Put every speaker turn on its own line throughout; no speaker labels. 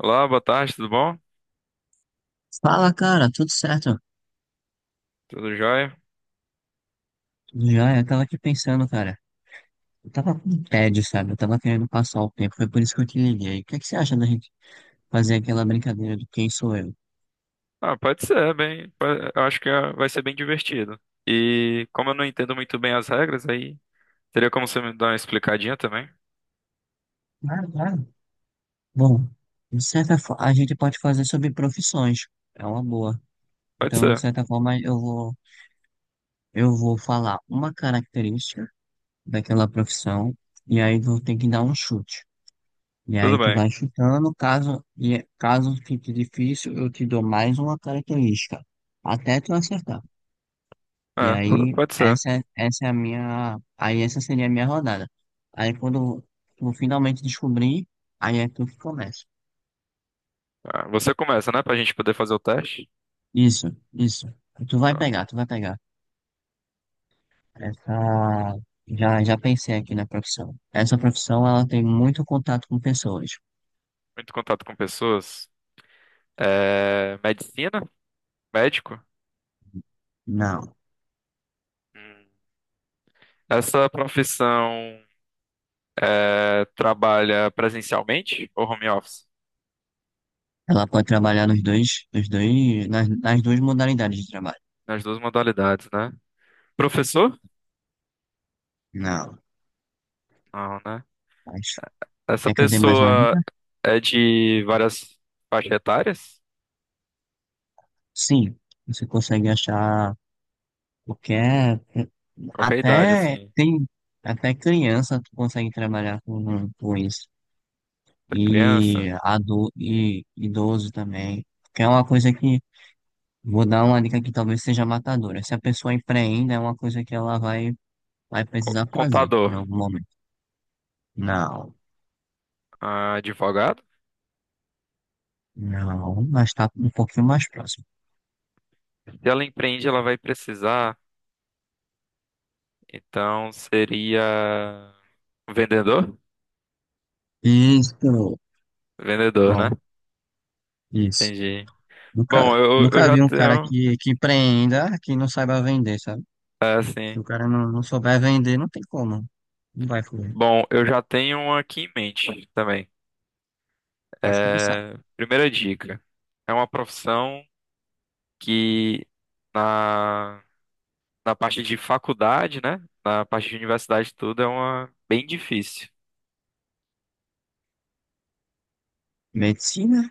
Olá, boa tarde, tudo bom?
Fala, cara, tudo certo?
Tudo jóia?
Tudo jóia? Eu tava aqui pensando, cara. Eu tava com tédio, sabe? Eu tava querendo passar o tempo, foi por isso que eu te liguei. O que é que você acha da gente fazer aquela brincadeira do quem sou eu?
Pode ser, bem, eu acho que vai ser bem divertido. E como eu não entendo muito bem as regras, aí teria como você me dar uma explicadinha também?
Claro, claro. Bom, de certa forma, a gente pode fazer sobre profissões. É uma boa.
Pode
Então, de
ser,
certa forma, eu vou falar uma característica daquela profissão, e aí vou ter que dar um chute. E aí
tudo
tu
bem.
vai chutando, caso, e caso fique difícil, eu te dou mais uma característica, até tu acertar. E
É,
aí,
pode ser.
essa, essa é a minha, aí essa seria a minha rodada. Aí quando tu finalmente descobrir, aí é tu que começa.
Ah, você começa, né, pra gente poder fazer o teste?
Isso, isso. Tu vai
Tá.
pegar, tu vai pegar. Essa, já pensei aqui na profissão. Essa profissão, ela tem muito contato com pessoas.
Muito contato com pessoas. É, medicina? Médico?
Não.
Hum. Essa profissão é, trabalha presencialmente ou home office?
Ela pode trabalhar nos dois, nas duas modalidades de trabalho.
Nas duas modalidades, né? Professor?
Não.
Não, né?
Mas,
Essa
quer que eu dê mais uma dica?
pessoa é de várias faixas etárias?
Sim, você consegue achar qualquer.
Qualquer idade,
Até
assim.
tem. Até criança tu consegue trabalhar com isso.
Da criança?
E idoso também. Que é uma coisa que. Vou dar uma dica que talvez seja matadora. Se a pessoa empreenda, é uma coisa que ela vai, vai precisar fazer
Contador?
em algum momento. Não,
Ah, advogado?
não, mas tá um pouquinho mais próximo.
Se ela empreende, ela vai precisar. Então seria. Vendedor?
Isso.
Vendedor, né?
Bom, isso.
Entendi. Bom,
Nunca,
eu
nunca
já
vi um cara
tenho.
que empreenda que não saiba vender, sabe?
É
Se
assim.
o cara não souber vender, não tem como. Não vai fluir.
Bom, eu já tenho uma aqui em mente também.
Pode começar.
É, primeira dica. É uma profissão que. Na parte de faculdade, né? Na parte de universidade, tudo é uma bem difícil.
Medicina?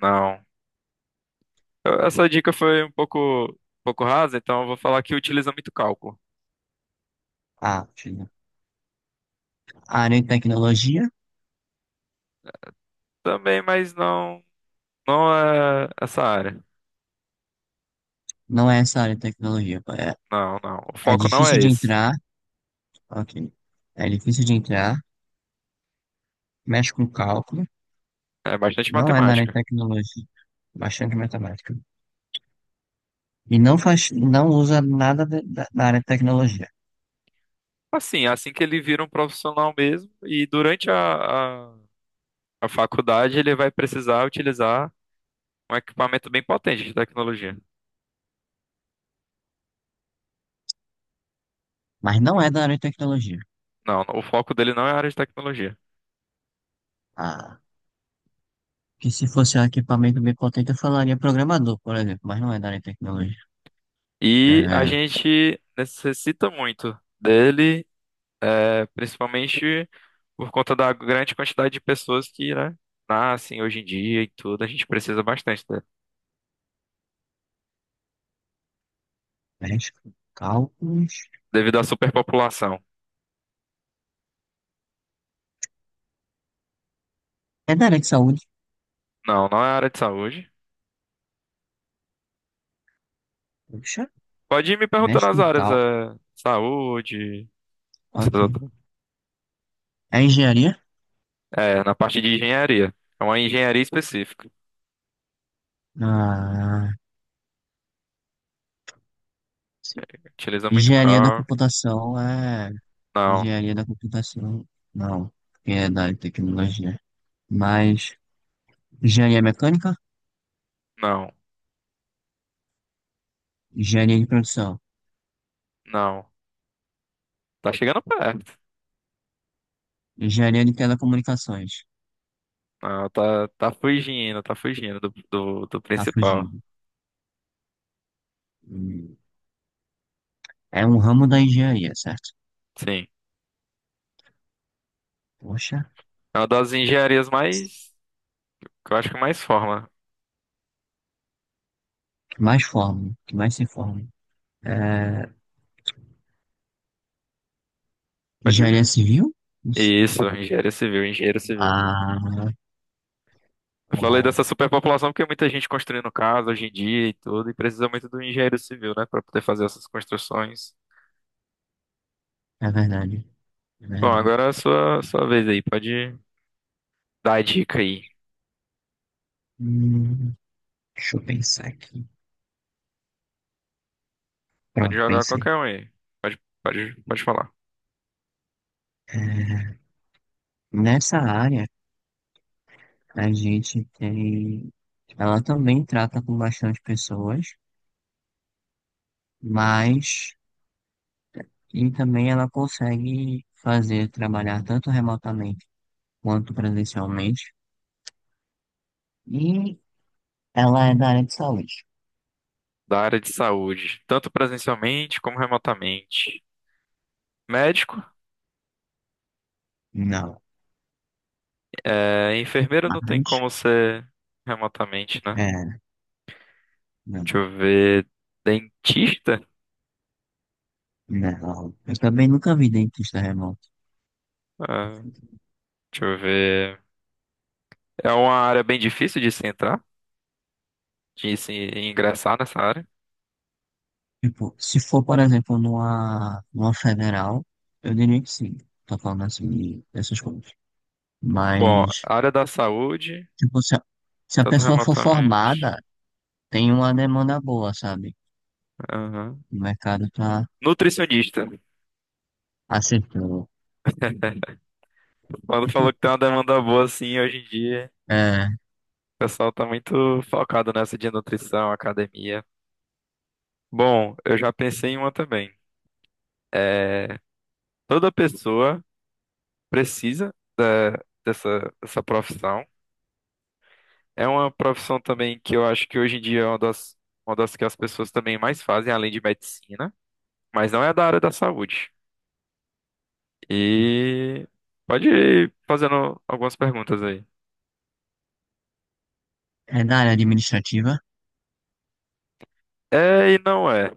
Não. Essa dica foi um pouco rasa, então eu vou falar que utiliza muito cálculo.
Ah, China. Área de tecnologia?
Também, mas não, não é essa área.
Não é essa área de tecnologia. Pô. É,
Não, não. O
é
foco não
difícil
é
de
esse.
entrar. Ok. É difícil de entrar. Mexe com cálculo.
É bastante
Não é da área de
matemática.
tecnologia. Bastante matemática. E não faz, não usa nada da área de tecnologia.
Assim, é assim que ele vira um profissional mesmo, e durante a faculdade ele vai precisar utilizar um equipamento bem potente de tecnologia.
Mas não é da área de tecnologia.
Não, o foco dele não é a área de tecnologia.
A Que se fosse um equipamento bem potente, eu falaria programador, por exemplo, mas não é da área de tecnologia.
E a
É,
gente necessita muito dele, é, principalmente por conta da grande quantidade de pessoas que, né, nascem hoje em dia e tudo. A gente precisa bastante dele,
mexe com cálculos.
devido à superpopulação.
É da área de saúde.
Não, não é área de saúde.
Puxa,
Pode ir me perguntando
mexe
as
com
áreas,
cálculos.
é, saúde, essas
Ok.
outras.
É engenharia?
É, na parte de engenharia. É uma engenharia específica.
Ah, sim.
Utiliza muito
Engenharia da
cálculo.
computação é.
Não,
Engenharia da computação. Não, porque é da área de tecnologia. Mas engenharia mecânica?
não,
Engenharia de produção.
não. Tá chegando perto.
Engenharia de telecomunicações.
Não, tá, tá fugindo do do
Tá
principal.
fugindo. Hum. É um ramo da engenharia, certo?
Sim.
Poxa.
É uma das engenharias mais. Que eu acho que mais forma.
Que mais formam, que mais se formam. É,
Pode
engenharia
ver.
civil? Isso.
Isso, engenharia civil, engenheiro civil.
Ah,
Eu falei
bom,
dessa superpopulação porque muita gente construindo casa hoje em dia e tudo, e precisa muito do engenheiro civil, né, pra poder fazer essas construções.
é verdade, é
Bom,
verdade.
agora é a sua, sua vez aí, pode dar a dica aí.
Hum, deixa eu pensar aqui.
Pode
Pronto,
jogar
pensei.
qualquer um aí. Pode, pode, pode falar.
É, nessa área, a gente tem. Ela também trata com bastante pessoas, mas. E também ela consegue fazer trabalhar tanto remotamente quanto presencialmente. E ela é da área de saúde?
Da área de saúde, tanto presencialmente como remotamente. Médico,
Não.
é, enfermeiro não tem
Mas,
como ser remotamente, né?
é,
Deixa
não.
eu ver. Dentista?
Não, eu também nunca vi dentista remoto.
Ah, deixa eu ver. É uma área bem difícil de se entrar, de se ingressar nessa área.
Tipo, se for, por exemplo, numa federal, eu diria que sim. Tô falando assim dessas coisas.
Bom,
Mas,
área da saúde,
tipo, se a
tanto
pessoa for
remotamente.
formada, tem uma demanda boa, sabe?
Aham.
O mercado tá
Nutricionista.
aceitando.
Quando falou que tem uma demanda boa assim hoje em dia,
É,
o pessoal tá muito focado nessa de nutrição, academia. Bom, eu já pensei em uma também. É, toda pessoa precisa dessa, dessa profissão. É uma profissão também que eu acho que hoje em dia é uma das que as pessoas também mais fazem, além de medicina, mas não é da área da saúde. E pode ir fazendo algumas perguntas aí.
é da área administrativa?
É e não é.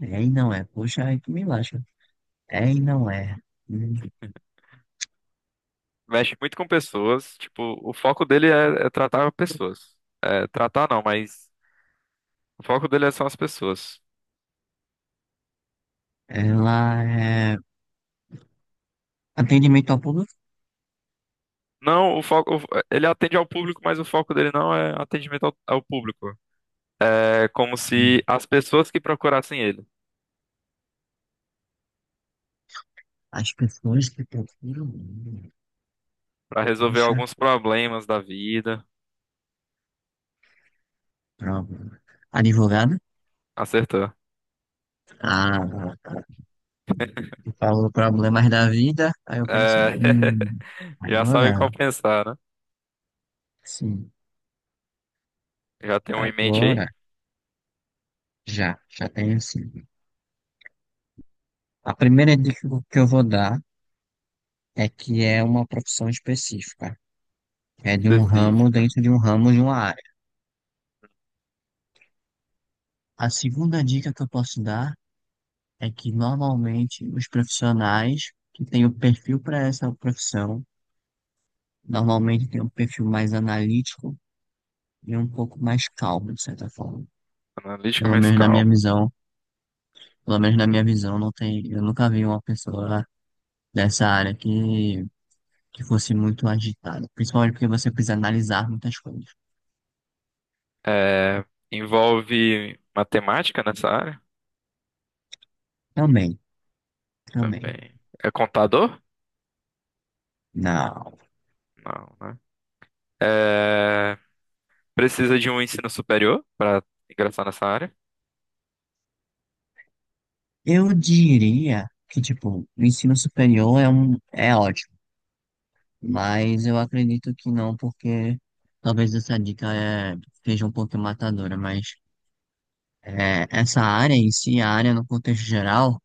É e não é. Poxa, aí tu me lasca. É e não é. Hum,
Mexe muito com pessoas, tipo, o foco dele é, é tratar pessoas. É, tratar não, mas o foco dele são as pessoas.
Ela é atendimento ao público?
Não, o foco, ele atende ao público, mas o foco dele não é atendimento ao, ao público. É como se
Hum,
as pessoas que procurassem ele.
As pessoas que procuram.
Pra resolver
Puxa,
alguns problemas da vida.
prova. Advogado?
Acertou.
Ah, tu falou problemas da vida, aí eu
É,
pensei,
já sabe qual
advogado,
pensar, né?
sim.
Já tem um em mente aí?
Agora, já tenho sim. A primeira dica que eu vou dar é que é uma profissão específica, é de um ramo
Específica.
dentro de um ramo de uma área. A segunda dica que eu posso dar é que normalmente os profissionais que têm o perfil para essa profissão, normalmente têm um perfil mais analítico e um pouco mais calmo, de certa forma.
Analítica
Pelo
mais
menos na minha
calma.
visão, pelo menos na minha visão, não tem, eu nunca vi uma pessoa dessa área que fosse muito agitada, principalmente porque você precisa analisar muitas coisas.
É, envolve matemática nessa área?
Também, também.
Também. É contador?
Não.
Não, né? É, precisa de um ensino superior para ingressar nessa área?
Eu diria que, tipo, o ensino superior é um, é ótimo, mas eu acredito que não, porque talvez essa dica seja um pouco matadora, mas essa área em si, a área no contexto geral,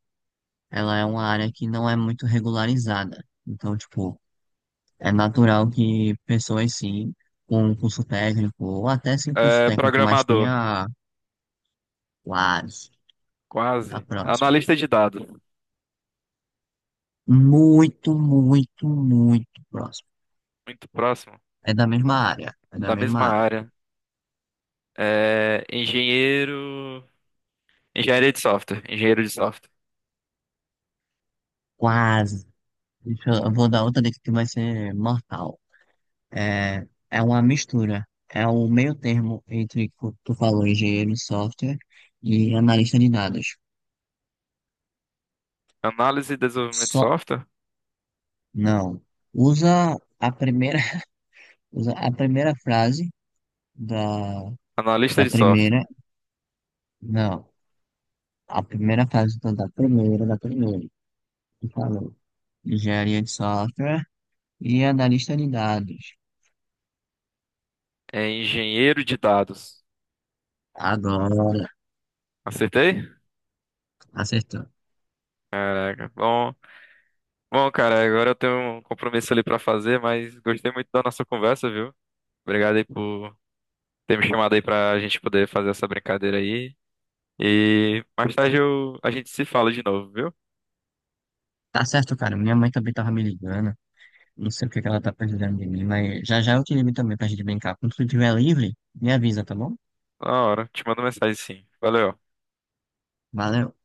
ela é uma área que não é muito regularizada. Então, tipo, é natural que pessoas, sim, com um curso técnico, ou até sem curso
É,
técnico, mas
programador?
tenha quase tá
Quase.
próximo.
Analista de dados?
Muito, muito, muito próximo.
Muito próximo.
É da mesma área, é da
Da
mesma
mesma
área.
área. É, engenheiro. Engenharia de software. Engenheiro de software.
Quase. Eu vou dar outra dica que vai ser mortal. É uma mistura. É o meio termo entre, o que tu falou, engenheiro de software e analista de dados.
Análise e desenvolvimento de
Só,
software.
não. Usa a primeira, usa a primeira frase da
Analista
Da
de software.
primeira, não. A primeira fase, então, da primeira. Tu falou. Engenharia de software e analista de dados.
É engenheiro de dados.
Agora,
Acertei?
acertou.
Caraca. Bom, bom, cara, agora eu tenho um compromisso ali pra fazer, mas gostei muito da nossa conversa, viu? Obrigado aí por ter me chamado aí pra gente poder fazer essa brincadeira aí. E mais tarde eu, a gente se fala de novo, viu?
Tá certo, cara. Minha mãe também tava me ligando. Não sei o que que ela tá precisando de mim, mas já já eu te ligo também pra gente brincar. Quando tu estiver livre, me avisa, tá bom?
Na hora. Te mando mensagem sim. Valeu.
Valeu.